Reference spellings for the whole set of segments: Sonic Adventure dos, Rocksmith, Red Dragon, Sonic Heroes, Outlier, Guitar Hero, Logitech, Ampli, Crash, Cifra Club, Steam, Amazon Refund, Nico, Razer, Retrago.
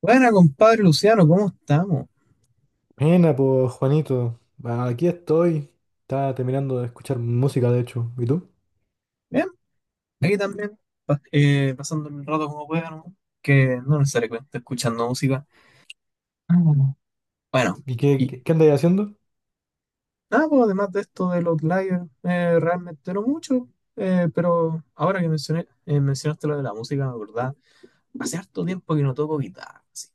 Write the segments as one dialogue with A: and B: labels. A: Buena, compadre Luciano, ¿cómo estamos?
B: Buena, pues Juanito. Ah, aquí estoy. Estaba terminando de escuchar música, de hecho. ¿Y tú?
A: Bien, aquí también, pasando el rato como pueda, ¿no? Que no necesariamente escuchando música. Ah. Bueno, Bueno,
B: ¿Y qué,
A: y
B: andáis haciendo?
A: nada, pues, además de esto del Outlier, realmente no mucho, pero ahora que mencionaste lo de la música, me acordaba, hace harto tiempo que no toco guitarra, así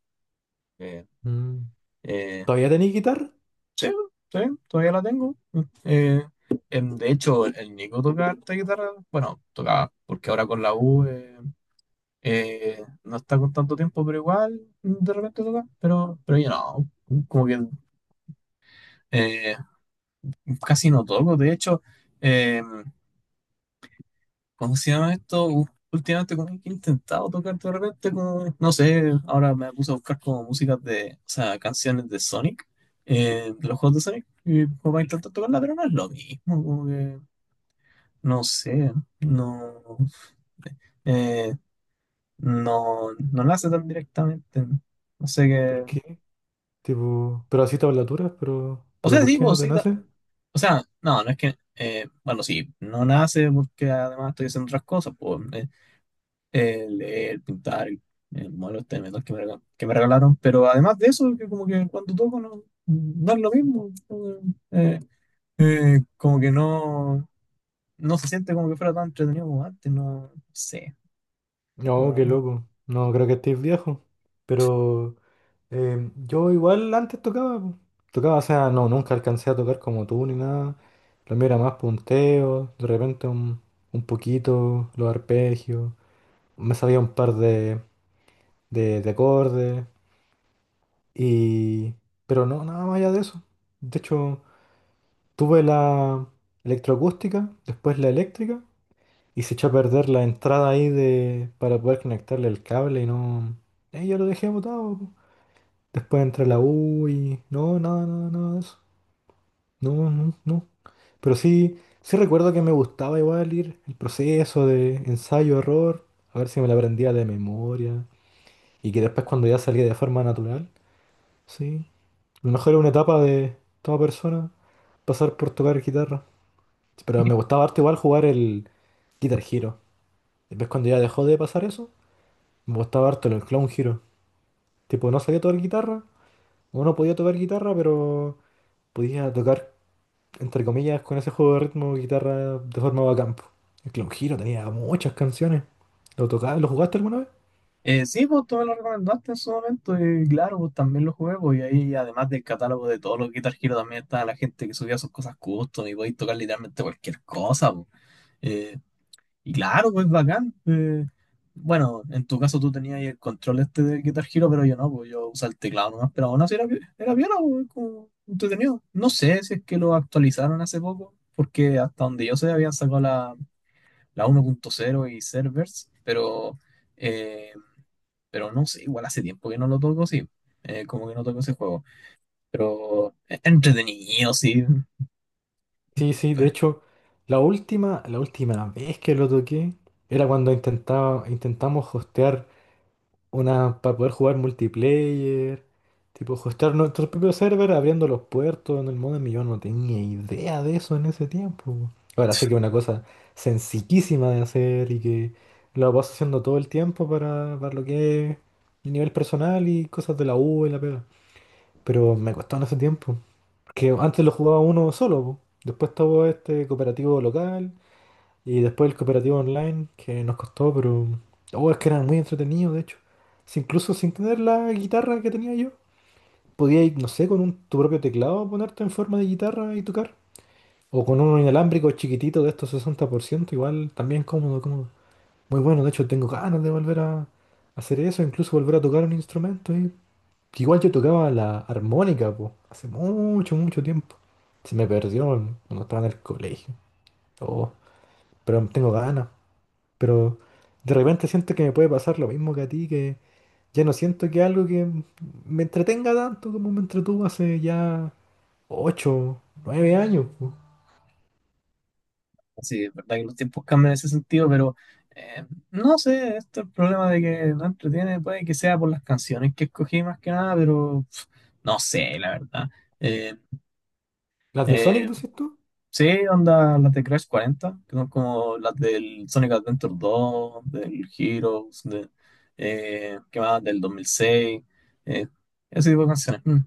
A: que,
B: Mm.
A: eh,
B: ¿Todavía tenéis guitarra?
A: sí, sí, todavía la tengo. Eh, de hecho, el Nico toca harta guitarra, bueno, tocaba, porque ahora con la U. No está con tanto tiempo, pero igual de repente toca. Pero yo no, como que eh, casi no toco. De hecho, eh, ¿cómo se llama esto? Últimamente como que he intentado tocar de repente, como, no sé, ahora me puse a buscar como músicas de, o sea, canciones de Sonic, de los juegos de Sonic, y como para intentar tocarla, pero no es lo mismo, como que, no sé, no, eh, no, no nace tan directamente. No sé
B: ¿Por
A: qué.
B: qué? Tipo, pero así tablaturas, pero,
A: O
B: pero
A: sea,
B: ¿por
A: sí,
B: qué no
A: vos
B: te
A: sí.
B: nace?
A: O sea, no, no es que. Bueno, sí, no nace porque además estoy haciendo otras cosas, pues, leer, pintar, el modelo este de metal que que me regalaron. Pero además de eso, que como que cuando toco no, no es lo mismo. Como que, eh, como que no, no se siente como que fuera tan entretenido como antes, no, sé.
B: No, qué loco. No, creo que estéis viejo. Pero yo igual antes tocaba, po. Tocaba, o sea, no, nunca alcancé a tocar como tú ni nada. Lo mío era más punteo, de repente un poquito, los arpegios. Me sabía un par de, acordes, y, pero no, nada más allá de eso. De hecho, tuve la electroacústica, después la eléctrica, y se echó a perder la entrada ahí de, para poder conectarle el cable, y no. Ahí ya lo dejé botado, po. Después entré a la U y, no, nada, nada, nada de eso. No, no, no. Pero sí, sí recuerdo que me gustaba igual ir el proceso de ensayo, error, a ver si me la aprendía de memoria, y que después cuando ya salía de forma natural, sí. A lo mejor es una etapa de toda persona pasar por tocar guitarra. Pero me gustaba harto igual jugar el Guitar Hero. Después cuando ya dejó de pasar eso, me gustaba harto el Clown Hero. Tipo, no sabía tocar guitarra, o no podía tocar guitarra, pero podía tocar, entre comillas, con ese juego de ritmo guitarra de forma bacán, po. El Clown Hero tenía muchas canciones. ¿Lo jugaste alguna vez?
A: Sí, pues tú me lo recomendaste en su momento y claro, pues también lo jugué, pues y ahí además del catálogo de todos los Guitar Hero también estaba la gente que subía sus cosas custom y podéis tocar literalmente cualquier cosa, pues. Eh, y claro, pues bacán. Bueno, en tu caso tú tenías ahí el control este del Guitar Hero, pero yo no, pues yo usaba el teclado nomás, pero aún así era piola, pues, como entretenido. No sé si es que lo actualizaron hace poco, porque hasta donde yo sé habían sacado la 1.0 y servers, eh, pero no sé, igual hace tiempo que no lo toco, sí. Como que no toco ese juego. Pero es entretenido, sí.
B: Sí, sí, de
A: Espa-
B: hecho, la última vez que lo toqué era cuando intentamos hostear una para poder jugar multiplayer, tipo hostear nuestro propio server abriendo los puertos en el modem y yo no tenía idea de eso en ese tiempo, po. Ahora sé que es una cosa sencillísima de hacer y que lo vas haciendo todo el tiempo para lo que es el nivel personal y cosas de la U y la pega. Pero me costó en ese tiempo. Porque antes lo jugaba uno solo, po. Después estaba este cooperativo local. Y después el cooperativo online, que nos costó, pero, oh, es que era muy entretenido, de hecho. Si incluso sin tener la guitarra que tenía yo, podías no sé, con tu propio teclado ponerte en forma de guitarra y tocar. O con uno inalámbrico chiquitito de estos 60% igual también cómodo, cómodo. Muy bueno, de hecho tengo ganas de volver a hacer eso, incluso volver a tocar un instrumento. Y, igual yo tocaba la armónica, po, hace mucho, mucho tiempo. Se me perdió cuando estaba en el colegio. Oh, pero tengo ganas. Pero de repente siento que me puede pasar lo mismo que a ti, que ya no siento que algo que me entretenga tanto como me entretuvo hace ya 8 9 años, po.
A: Sí, es verdad que los tiempos cambian en ese sentido, pero eh, no sé, esto es el problema de que no entretiene, puede que sea por las canciones que escogí más que nada, pero pf, no sé, la verdad. Eh,
B: ¿Las de Sonic
A: eh,
B: decís tú?
A: sí, onda las de Crash 40 que son como las del Sonic Adventure dos del Heroes, de, ¿qué más? Del 2006, eh, ese tipo de canciones. Mm.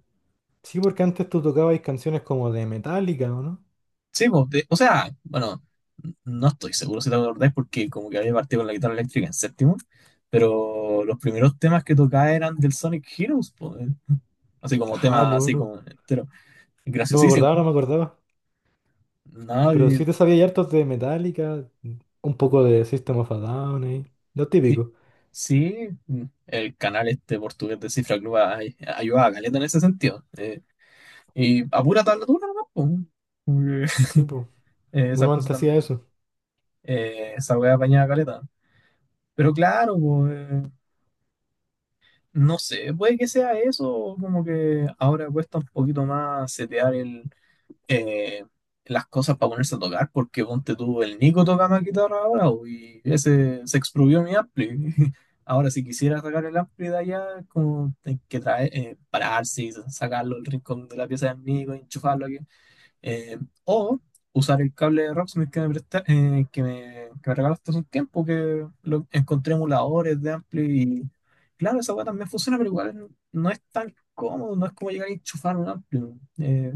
B: Sí, porque antes tú tocabas canciones como de Metallica, ¿o no?
A: Sí, po, de- o sea, bueno, no estoy seguro si te acordás porque como que había partido con la guitarra eléctrica en séptimo, pero los primeros temas que tocaba eran del Sonic Heroes, po, eh. Así como
B: Ah,
A: tema,
B: no,
A: así
B: no.
A: como entero,
B: No me
A: graciosísimo.
B: acordaba, no me acordaba.
A: No,
B: Pero
A: y-
B: sí te sabía hartos de Metallica, un poco de System of a Down ahí. Lo
A: sí,
B: típico.
A: sí, mm, el canal este portugués de Cifra Club ayudaba a caleta en ese sentido. Y a pura tablatura nomás, po. Como que,
B: Sí, pues.
A: esas
B: Uno
A: cosas
B: antes hacía
A: también.
B: eso.
A: Esa wea apañaba caleta. Pero claro, po, no sé, puede que sea eso, como que ahora cuesta un poquito más setear eh, las cosas para ponerse a tocar, porque ponte tú, el Nico toca más guitarra ahora, bo, y ese se expropió mi ampli. Ahora, si quisiera sacar el ampli de allá, como hay que traer, pararse y sacarlo del rincón de la pieza del Nico, enchufarlo aquí eh, o usar el cable de Rocksmith que me, presta- que me regalaste hace un tiempo, que lo encontré emuladores de Ampli y claro, esa weá también funciona, pero igual no es tan cómodo, no es como llegar a enchufar un Ampli.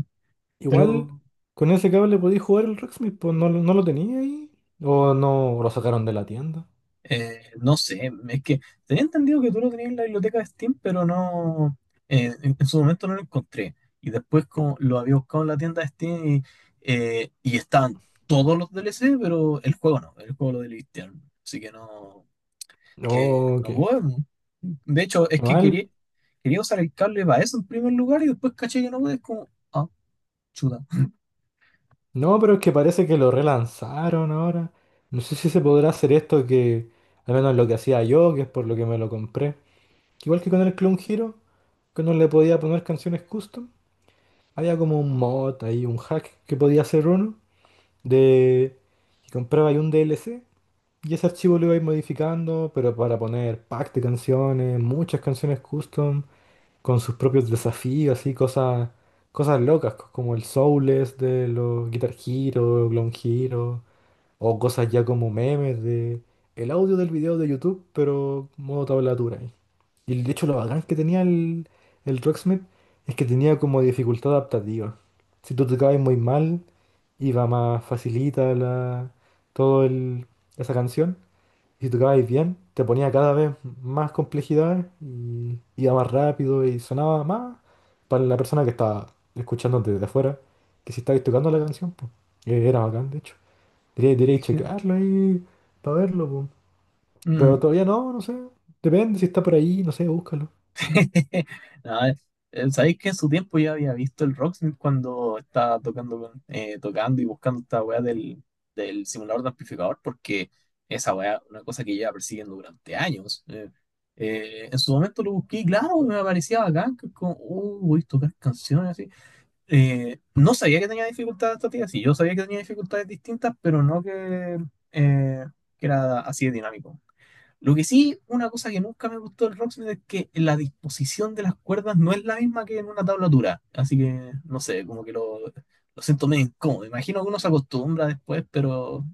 A: Sí,
B: Igual
A: pero
B: con ese cable podéis jugar el Rocksmith, pues no, no lo tenía ahí. O no lo sacaron de la tienda.
A: No sé, es que tenía entendido que tú lo tenías en la biblioteca de Steam, pero no, en su momento no lo encontré. Y después como lo había buscado en la tienda de Steam, y estaban todos los DLC, pero el juego no, el juego lo deletearon. Así que no,
B: Oh,
A: no
B: qué,
A: puedo. De hecho, es
B: qué
A: que quería,
B: mal.
A: quería usar el cable para eso en primer lugar y después caché que no puedes como, ah, chuta.
B: No, pero es que parece que lo relanzaron ahora. No sé si se podrá hacer esto que, al menos lo que hacía yo, que es por lo que me lo compré. Igual que con el Clone Hero, que no le podía poner canciones custom. Había como un mod ahí, un hack que podía hacer uno de que compraba ahí un DLC. Y ese archivo lo ibais modificando, pero para poner pack de canciones, muchas canciones custom, con sus propios desafíos así cosas, cosas locas, como el Soulless de los Guitar Hero, Clone Hero, o cosas ya como memes de el audio del video de YouTube, pero modo tablatura ahí. Y de hecho lo bacán que tenía el Rocksmith es que tenía como dificultad adaptativa. Si tú tocabas muy mal, iba más facilita la, todo el, esa canción si tocabais bien, te ponía cada vez más complejidades y iba más rápido y sonaba más para la persona que estaba escuchando desde afuera, que si estabais tocando la canción, pues era bacán, de hecho. Deberíais
A: Dije,
B: chequearlo ahí para verlo, pues. Pero
A: "Mm,
B: todavía no, no sé. Depende si está por ahí, no sé, búscalo.
A: No, sabéis que en su tiempo ya había visto el Rocksmith cuando estaba tocando y buscando esta weá del, del simulador de amplificador, porque esa weá, es una cosa que lleva persiguiendo durante años. En su momento lo busqué y claro, me aparecía bacán, que como, voy a tocar canciones así. No sabía que tenía dificultades esta sí, yo sabía que tenía dificultades distintas, pero no que, eh, que era así de dinámico. Lo que sí, una cosa que nunca me gustó del Rocksmith es que la disposición de las cuerdas no es la misma que en una tablatura. Así que, no sé, como que lo siento medio incómodo. Imagino que uno se acostumbra después, pero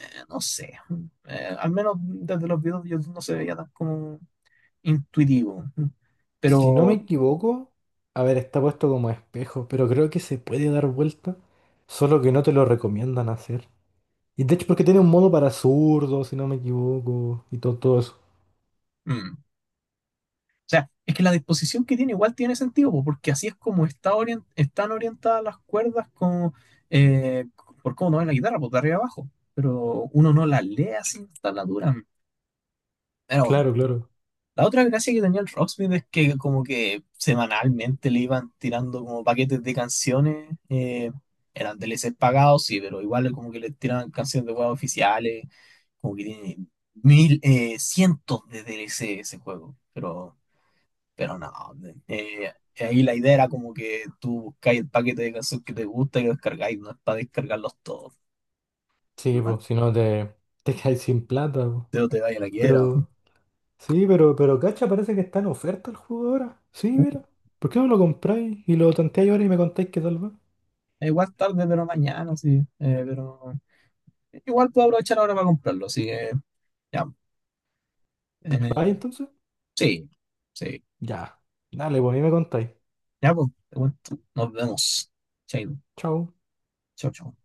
A: no sé. Al menos desde los videos yo no se veía tan como intuitivo.
B: Si no me
A: Pero
B: equivoco, a ver, está puesto como espejo, pero creo que se puede dar vuelta, solo que no te lo recomiendan hacer. Y de hecho, porque tiene un modo para zurdos, si no me equivoco, y todo, todo eso.
A: mm, o sea, es que la disposición que tiene igual tiene sentido, po, porque así es como está están orientadas las cuerdas con, eh, por cómo toman la guitarra, por de arriba abajo. Pero uno no la lee así en tablatura. Pero bueno,
B: Claro, claro.
A: la otra gracia que tenía el Rocksmith es que como que semanalmente le iban tirando como paquetes de canciones. Eran DLCs pagados, sí, pero igual como que le tiraban canciones de juegos oficiales, como que tiene mil, cientos de DLC ese juego. Pero no, eh, ahí la idea era como que tú buscáis el paquete de canciones que te gusta y lo descargáis, no es para descargarlos todos.
B: Sí,
A: Maldito
B: pues, si no te, te caes sin plata, po.
A: te vaya la quiera. ¿No?
B: Pero, sí, pero cacha, parece que está en oferta el juego ahora. Sí,
A: Uh,
B: mira. ¿Por qué no lo compráis y lo tanteáis ahora y me contáis qué tal va?
A: igual tarde, pero mañana, sí. Pero igual puedo aprovechar ahora para comprarlo, así que ya. Eh,
B: ¿Vais entonces?
A: sí, sí.
B: Ya. Dale, pues, ahí me contáis.
A: Ya, pues, te cuento. Nos vemos. Chao,
B: Chao.
A: chao. Chao.